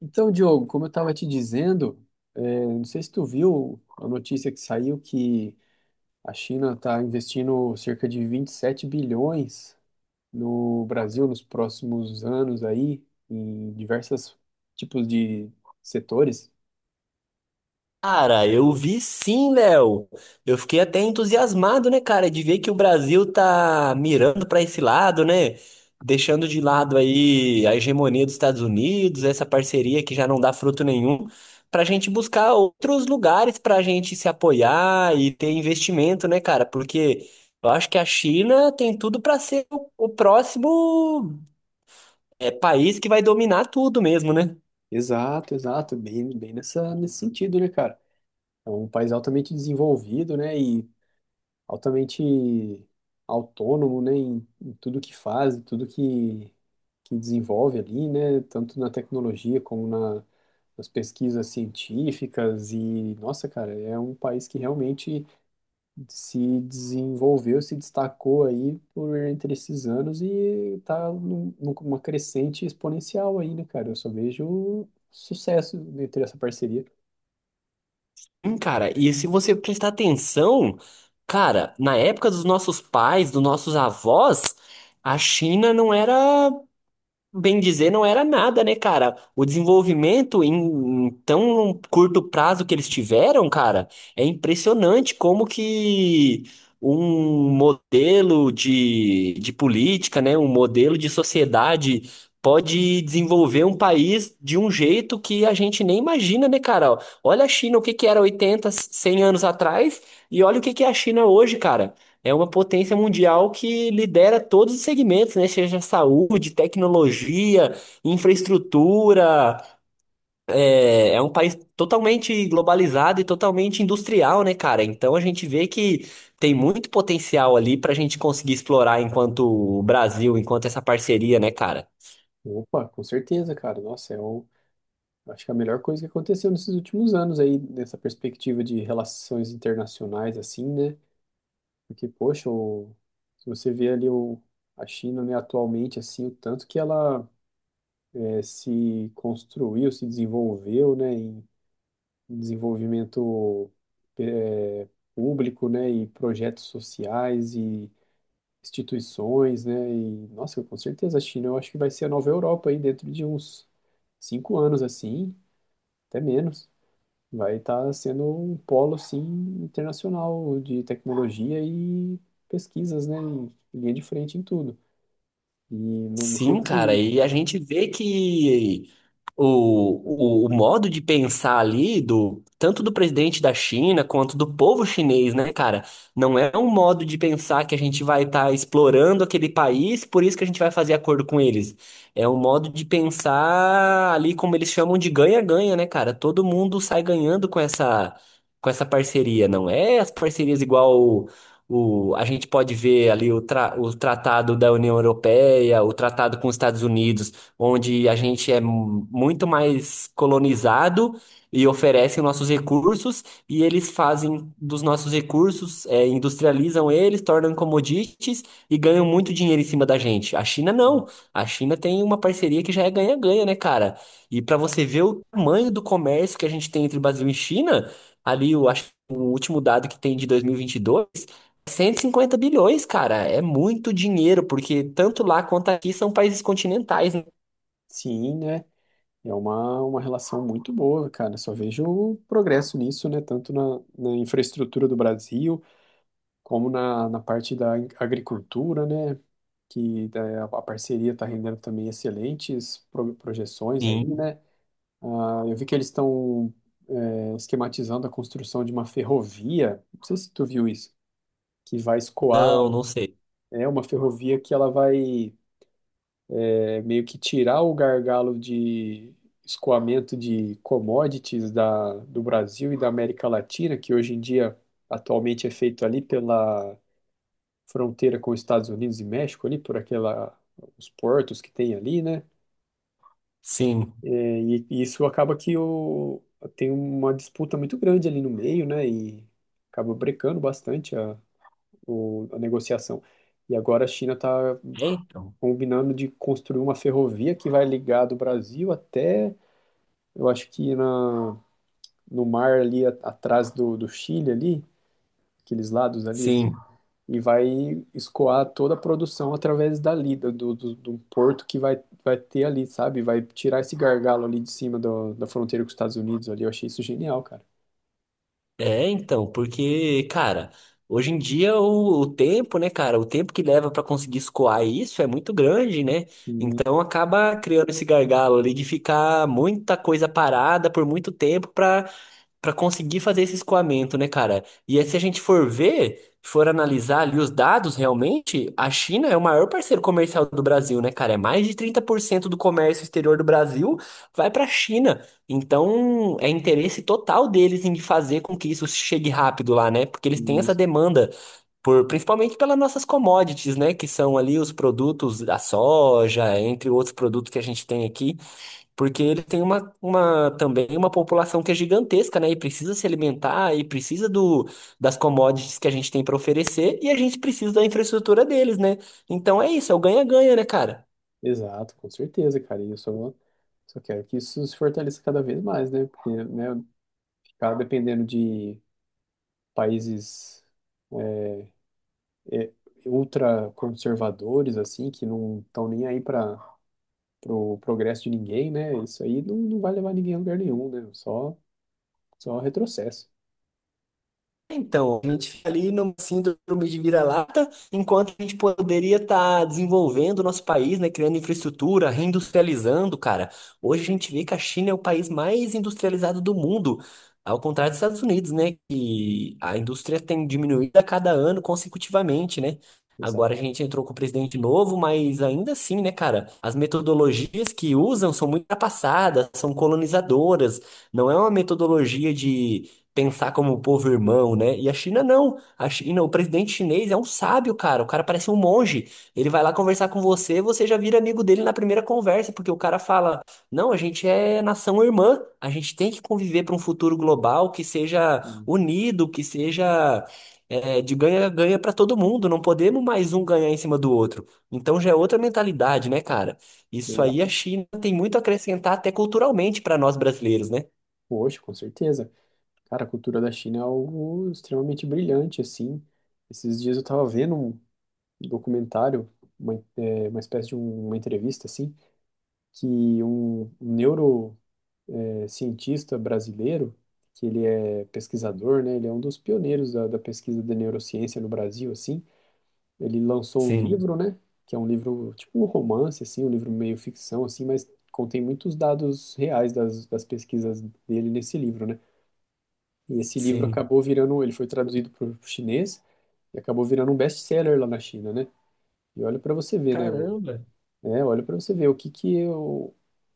Então, Diogo, como eu estava te dizendo, não sei se tu viu a notícia que saiu que a China está investindo cerca de 27 bilhões no Brasil nos próximos anos aí, em diversos tipos de setores. Cara, eu vi sim, Léo. Eu fiquei até entusiasmado, né, cara, de ver que o Brasil tá mirando pra esse lado, né? Deixando de lado aí a hegemonia dos Estados Unidos, essa parceria que já não dá fruto nenhum, pra gente buscar outros lugares pra gente se apoiar e ter investimento, né, cara? Porque eu acho que a China tem tudo pra ser o próximo, país que vai dominar tudo mesmo, né? Exato, exato, bem nessa, nesse sentido, né, cara? É um país altamente desenvolvido, né, e altamente autônomo, né, em tudo que faz, em tudo que desenvolve ali, né, tanto na tecnologia como na, nas pesquisas científicas e, nossa, cara, é um país que realmente se desenvolveu, se destacou aí por entre esses anos e tá numa crescente exponencial aí, né, cara? Eu só vejo sucesso entre essa parceria. Cara, e se você prestar atenção, cara, na época dos nossos pais, dos nossos avós, a China não era. Bem dizer, não era nada, né, cara? O desenvolvimento em tão curto prazo que eles tiveram, cara, é impressionante como que um modelo de política, né, um modelo de sociedade pode desenvolver um país de um jeito que a gente nem imagina, né, cara? Olha a China, o que que era 80 100 anos atrás, e olha o que que é a China hoje, cara. É uma potência mundial que lidera todos os segmentos, né? Seja saúde, tecnologia, infraestrutura. É um país totalmente globalizado e totalmente industrial, né, cara? Então a gente vê que tem muito potencial ali para a gente conseguir explorar enquanto o Brasil, enquanto essa parceria, né, cara? Opa, com certeza, cara. Nossa, é o, acho que é a melhor coisa que aconteceu nesses últimos anos aí, nessa perspectiva de relações internacionais, assim, né? Porque, poxa, se você vê ali a China, né, atualmente, assim, o tanto que ela se construiu, se desenvolveu, né, em desenvolvimento eh, público, né, e projetos sociais e instituições, né, e, nossa, com certeza a China, eu acho que vai ser a nova Europa aí dentro de uns 5 anos, assim, até menos. Vai estar sendo um polo, assim, internacional de tecnologia e pesquisas, né? Em linha de frente em tudo. E não, não sei Sim, cara, e se... a gente vê que o modo de pensar ali do tanto do presidente da China quanto do povo chinês, né, cara? Não é um modo de pensar que a gente vai estar explorando aquele país, por isso que a gente vai fazer acordo com eles. É um modo de pensar ali como eles chamam de ganha-ganha, né, cara? Todo mundo sai ganhando com essa parceria, não é as parcerias igual a gente pode ver ali o tratado da União Europeia, o tratado com os Estados Unidos onde a gente é muito mais colonizado e oferecem nossos recursos, e eles fazem dos nossos recursos, industrializam eles, tornam commodities e ganham muito dinheiro em cima da gente. A China não. A China tem uma parceria que já é ganha-ganha, né, cara? E para você ver o tamanho do comércio que a gente tem entre Brasil e China, ali eu acho que o último dado que tem de 2022, 150 bilhões, cara, é muito dinheiro, porque tanto lá quanto aqui são países continentais, né? Sim, né? É uma relação muito boa, cara. Só vejo o progresso nisso, né? Tanto na infraestrutura do Brasil, como na parte da agricultura, né? Que a parceria está rendendo também excelentes projeções aí, Sim, né? Ah, eu vi que eles estão esquematizando a construção de uma ferrovia. Não sei se tu viu isso, que vai escoar, não, não sei. é uma ferrovia que ela vai meio que tirar o gargalo de escoamento de commodities da, do Brasil e da América Latina, que hoje em dia atualmente é feito ali pela fronteira com os Estados Unidos e México, ali por aquela os portos que tem ali, né? Sim, E isso acaba que o, tem uma disputa muito grande ali no meio, né? E acaba brecando bastante a negociação. E agora a China está é então. combinando de construir uma ferrovia que vai ligar do Brasil até, eu acho que na, no mar ali atrás do Chile ali, aqueles lados ali, assim, Sim, e vai escoar toda a produção através dali, do porto que vai, vai ter ali, sabe? Vai tirar esse gargalo ali de cima do, da fronteira com os Estados Unidos ali. Eu achei isso genial, cara. é então, porque, cara, hoje em dia o tempo, né, cara, o tempo que leva pra conseguir escoar isso é muito grande, né? E- Então acaba criando esse gargalo ali de ficar muita coisa parada por muito tempo pra para conseguir fazer esse escoamento, né, cara? E aí, se a gente for ver, for analisar ali os dados realmente, a China é o maior parceiro comercial do Brasil, né, cara? É mais de 30% do comércio exterior do Brasil vai para a China. Então, é interesse total deles em fazer com que isso chegue rápido lá, né? Porque eles têm e essa demanda. Principalmente pelas nossas commodities, né? Que são ali os produtos da soja, entre outros produtos que a gente tem aqui. Porque ele tem uma também uma população que é gigantesca, né? E precisa se alimentar, e precisa das commodities que a gente tem para oferecer, e a gente precisa da infraestrutura deles, né? Então é isso, é o ganha-ganha, né, cara? Exato, com certeza, cara. E eu só quero que isso se fortaleça cada vez mais, né? Porque, né, ficar dependendo de países ultraconservadores, assim, que não estão nem aí para o progresso de ninguém, né? Isso aí não, não vai levar ninguém a lugar nenhum, né? Só retrocesso. Então, a gente fica ali numa síndrome de vira-lata, enquanto a gente poderia estar desenvolvendo o nosso país, né, criando infraestrutura, reindustrializando, cara. Hoje a gente vê que a China é o país mais industrializado do mundo, ao contrário dos Estados Unidos, né, que a indústria tem diminuído a cada ano consecutivamente, né? Agora a gente entrou com o presidente novo, mas ainda assim, né, cara, as metodologias que usam são muito ultrapassadas, são colonizadoras, não é uma metodologia de pensar como um povo irmão, né? E a China não. A China, o presidente chinês é um sábio, cara. O cara parece um monge. Ele vai lá conversar com você, você já vira amigo dele na primeira conversa, porque o cara fala: "Não, a gente é nação irmã. A gente tem que conviver para um futuro global que seja Hum. unido, que seja de ganha-ganha para todo mundo. Não podemos mais um ganhar em cima do outro. Então já é outra mentalidade, né, cara? Isso aí a Exato. China tem muito a acrescentar até culturalmente para nós brasileiros, né? Poxa, com certeza. Cara, a cultura da China é algo extremamente brilhante, assim. Esses dias eu tava vendo um documentário, uma espécie de uma entrevista, assim, que um neurocientista brasileiro, que ele é pesquisador, né? Ele é um dos pioneiros da pesquisa da neurociência no Brasil, assim. Ele lançou um Sim, livro, né? Que é um livro, tipo um romance, assim, um livro meio ficção, assim, mas contém muitos dados reais das, pesquisas dele nesse livro, né? E esse livro sim. acabou virando, ele foi traduzido para o chinês e acabou virando um best-seller lá na China, né? E olha para você ver, né? Caramba. Olha para você ver o que que é o,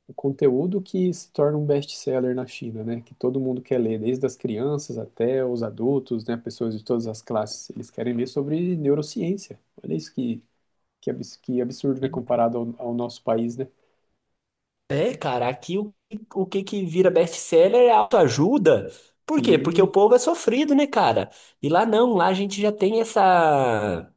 o conteúdo que se torna um best-seller na China, né? Que todo mundo quer ler, desde as crianças até os adultos, né? Pessoas de todas as classes, eles querem ler sobre neurociência. Olha isso que absurdo, né? E- Comparado ao nosso país, né? É, cara, aqui o que que vira best-seller é autoajuda. Por quê? Porque o Sim, povo é sofrido, né, cara? E lá não, lá a gente já tem essa.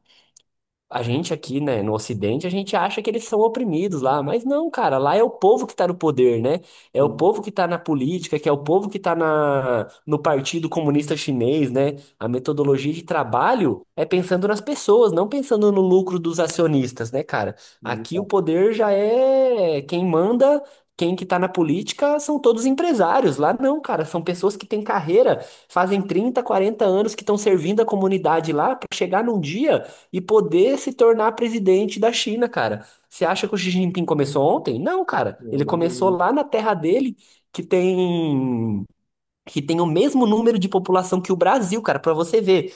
A gente aqui, né, no Ocidente, a gente acha que eles são oprimidos lá, mas não, cara, lá é o povo que tá no poder, né? É o sim, povo que tá na política, que é o povo que tá no Partido Comunista Chinês, né? A metodologia de trabalho é pensando nas pessoas, não pensando no lucro dos acionistas, né, cara? sim, Aqui o tá. poder já é quem manda. Quem que tá na política são todos empresários. Lá não, cara, são pessoas que têm carreira, fazem 30 40 anos que estão servindo a comunidade lá para chegar num dia e poder se tornar presidente da China, cara. Você acha que o Xi Jinping começou ontem? Não, cara. Eu Ele imagino, começou né? lá na terra dele, que tem que tem o mesmo número de população que o Brasil, cara, para você ver.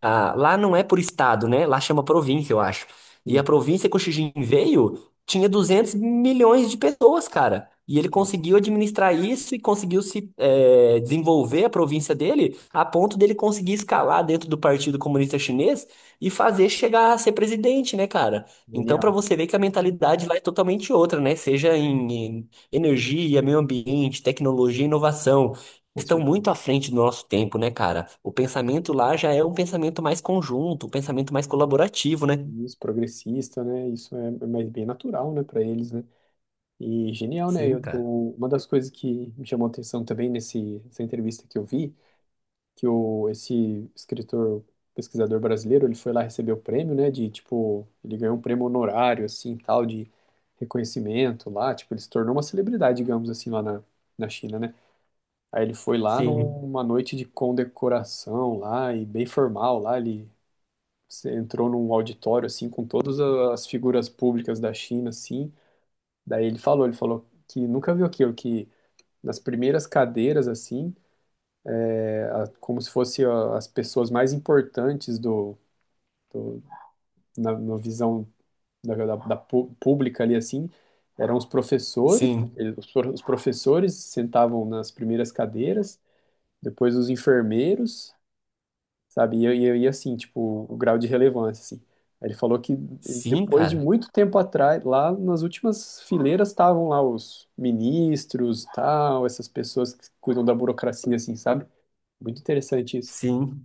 Ah, lá não é por estado, né? Lá chama província, eu acho. E a Sim, província que o Xi Jinping veio tinha 200 milhões de pessoas, cara. E ele nossa, conseguiu administrar isso e conseguiu se desenvolver a província dele a ponto dele conseguir escalar dentro do Partido Comunista Chinês e fazer chegar a ser presidente, né, cara? Então, pra genial, você ver que a mentalidade lá é totalmente outra, né? Seja em energia, meio ambiente, tecnologia, e inovação com estão certeza. muito à frente do nosso tempo, né, cara? O pensamento lá já é um pensamento mais conjunto, um pensamento mais colaborativo, né? Isso, progressista, né? Isso é mais bem natural, né, para eles, né? E genial, né? Sim, Eu, cara. o- uma das coisas que me chamou a atenção também nesse, nessa entrevista que eu vi, que esse escritor, pesquisador brasileiro, ele foi lá receber o prêmio, né? De tipo, ele ganhou um prêmio honorário, assim, tal, de reconhecimento lá. Tipo, ele se tornou uma celebridade, digamos assim, lá na China, né? Aí ele foi lá Sim. numa noite de condecoração lá e bem formal lá, ele você entrou num auditório assim com todas as figuras públicas da China assim. Daí ele falou que nunca viu aquilo que nas primeiras cadeiras assim, como se fosse ó, as pessoas mais importantes do- na visão da pública ali assim, eram os professores. Sim. Os professores sentavam nas primeiras cadeiras, depois os enfermeiros, sabe? E eu ia assim, tipo, o grau de relevância, assim. Aí ele falou que Sim, depois de cara. muito tempo atrás, lá nas últimas fileiras estavam lá os ministros, tal, essas pessoas que cuidam da burocracia, assim, sabe? Muito interessante isso. Sim.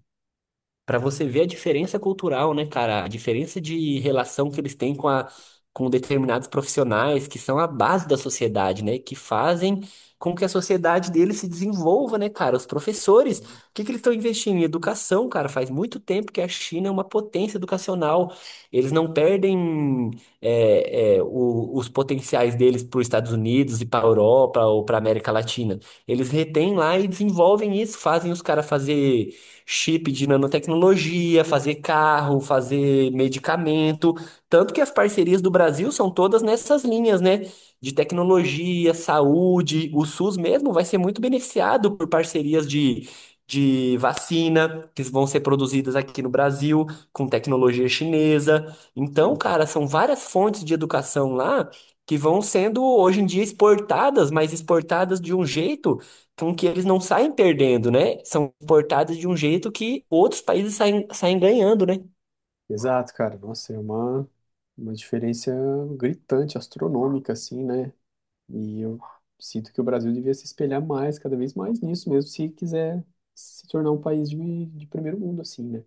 Pra você ver a diferença cultural, né, cara? A diferença de relação que eles têm com a, com determinados profissionais que são a base da sociedade, né? Que fazem com que a sociedade deles se desenvolva, né, cara? Os professores, o que que eles estão investindo em educação, cara? Faz muito tempo que a China é uma potência educacional. Eles não perdem os potenciais deles para os Estados Unidos e para a Europa ou para a América Latina. Eles retêm lá e desenvolvem isso, fazem os caras fazer chip de nanotecnologia, fazer carro, fazer medicamento. Tanto que as parcerias do Brasil são todas nessas linhas, né? De tecnologia, saúde. O SUS mesmo vai ser muito beneficiado por parcerias de vacina que vão ser produzidas aqui no Brasil, com tecnologia chinesa. Então, Sim. cara, são várias fontes de educação lá que vão sendo hoje em dia exportadas, mas exportadas de um jeito com que eles não saem perdendo, né? São importados de um jeito que outros países saem, saem ganhando, né? Exato, cara. Nossa, é uma diferença gritante, astronômica, assim, né? E eu sinto que o Brasil devia se espelhar mais, cada vez mais nisso mesmo, se quiser se tornar um país de primeiro mundo, assim, né?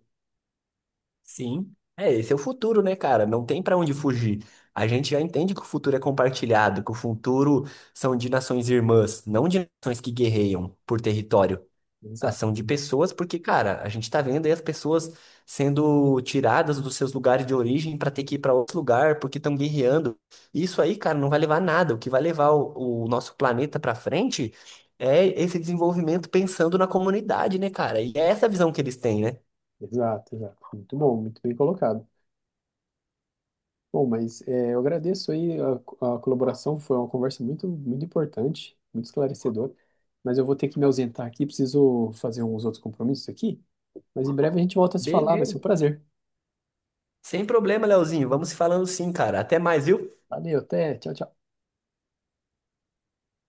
Sim, é, esse é o futuro, né, cara? Não tem pra onde fugir. A gente já entende que o futuro é compartilhado, que o futuro são de nações irmãs, não de nações que guerreiam por território. Exato. Ação de pessoas, porque, cara, a gente tá vendo aí as pessoas sendo tiradas dos seus lugares de origem para ter que ir para outro lugar porque estão guerreando. Isso aí, cara, não vai levar a nada. O que vai levar o nosso planeta para frente é esse desenvolvimento pensando na comunidade, né, cara? E é essa a visão que eles têm, né? Exato, exato. Muito bom, muito bem colocado. Bom, mas eu agradeço aí a colaboração, foi uma conversa muito, muito importante, muito esclarecedora, mas eu vou ter que me ausentar aqui, preciso fazer uns outros compromissos aqui, mas em breve a gente volta a se falar, vai ser um Beleza. prazer. Sem problema, Leozinho. Vamos se falando sim, cara. Até mais, viu? Valeu, até, tchau, tchau.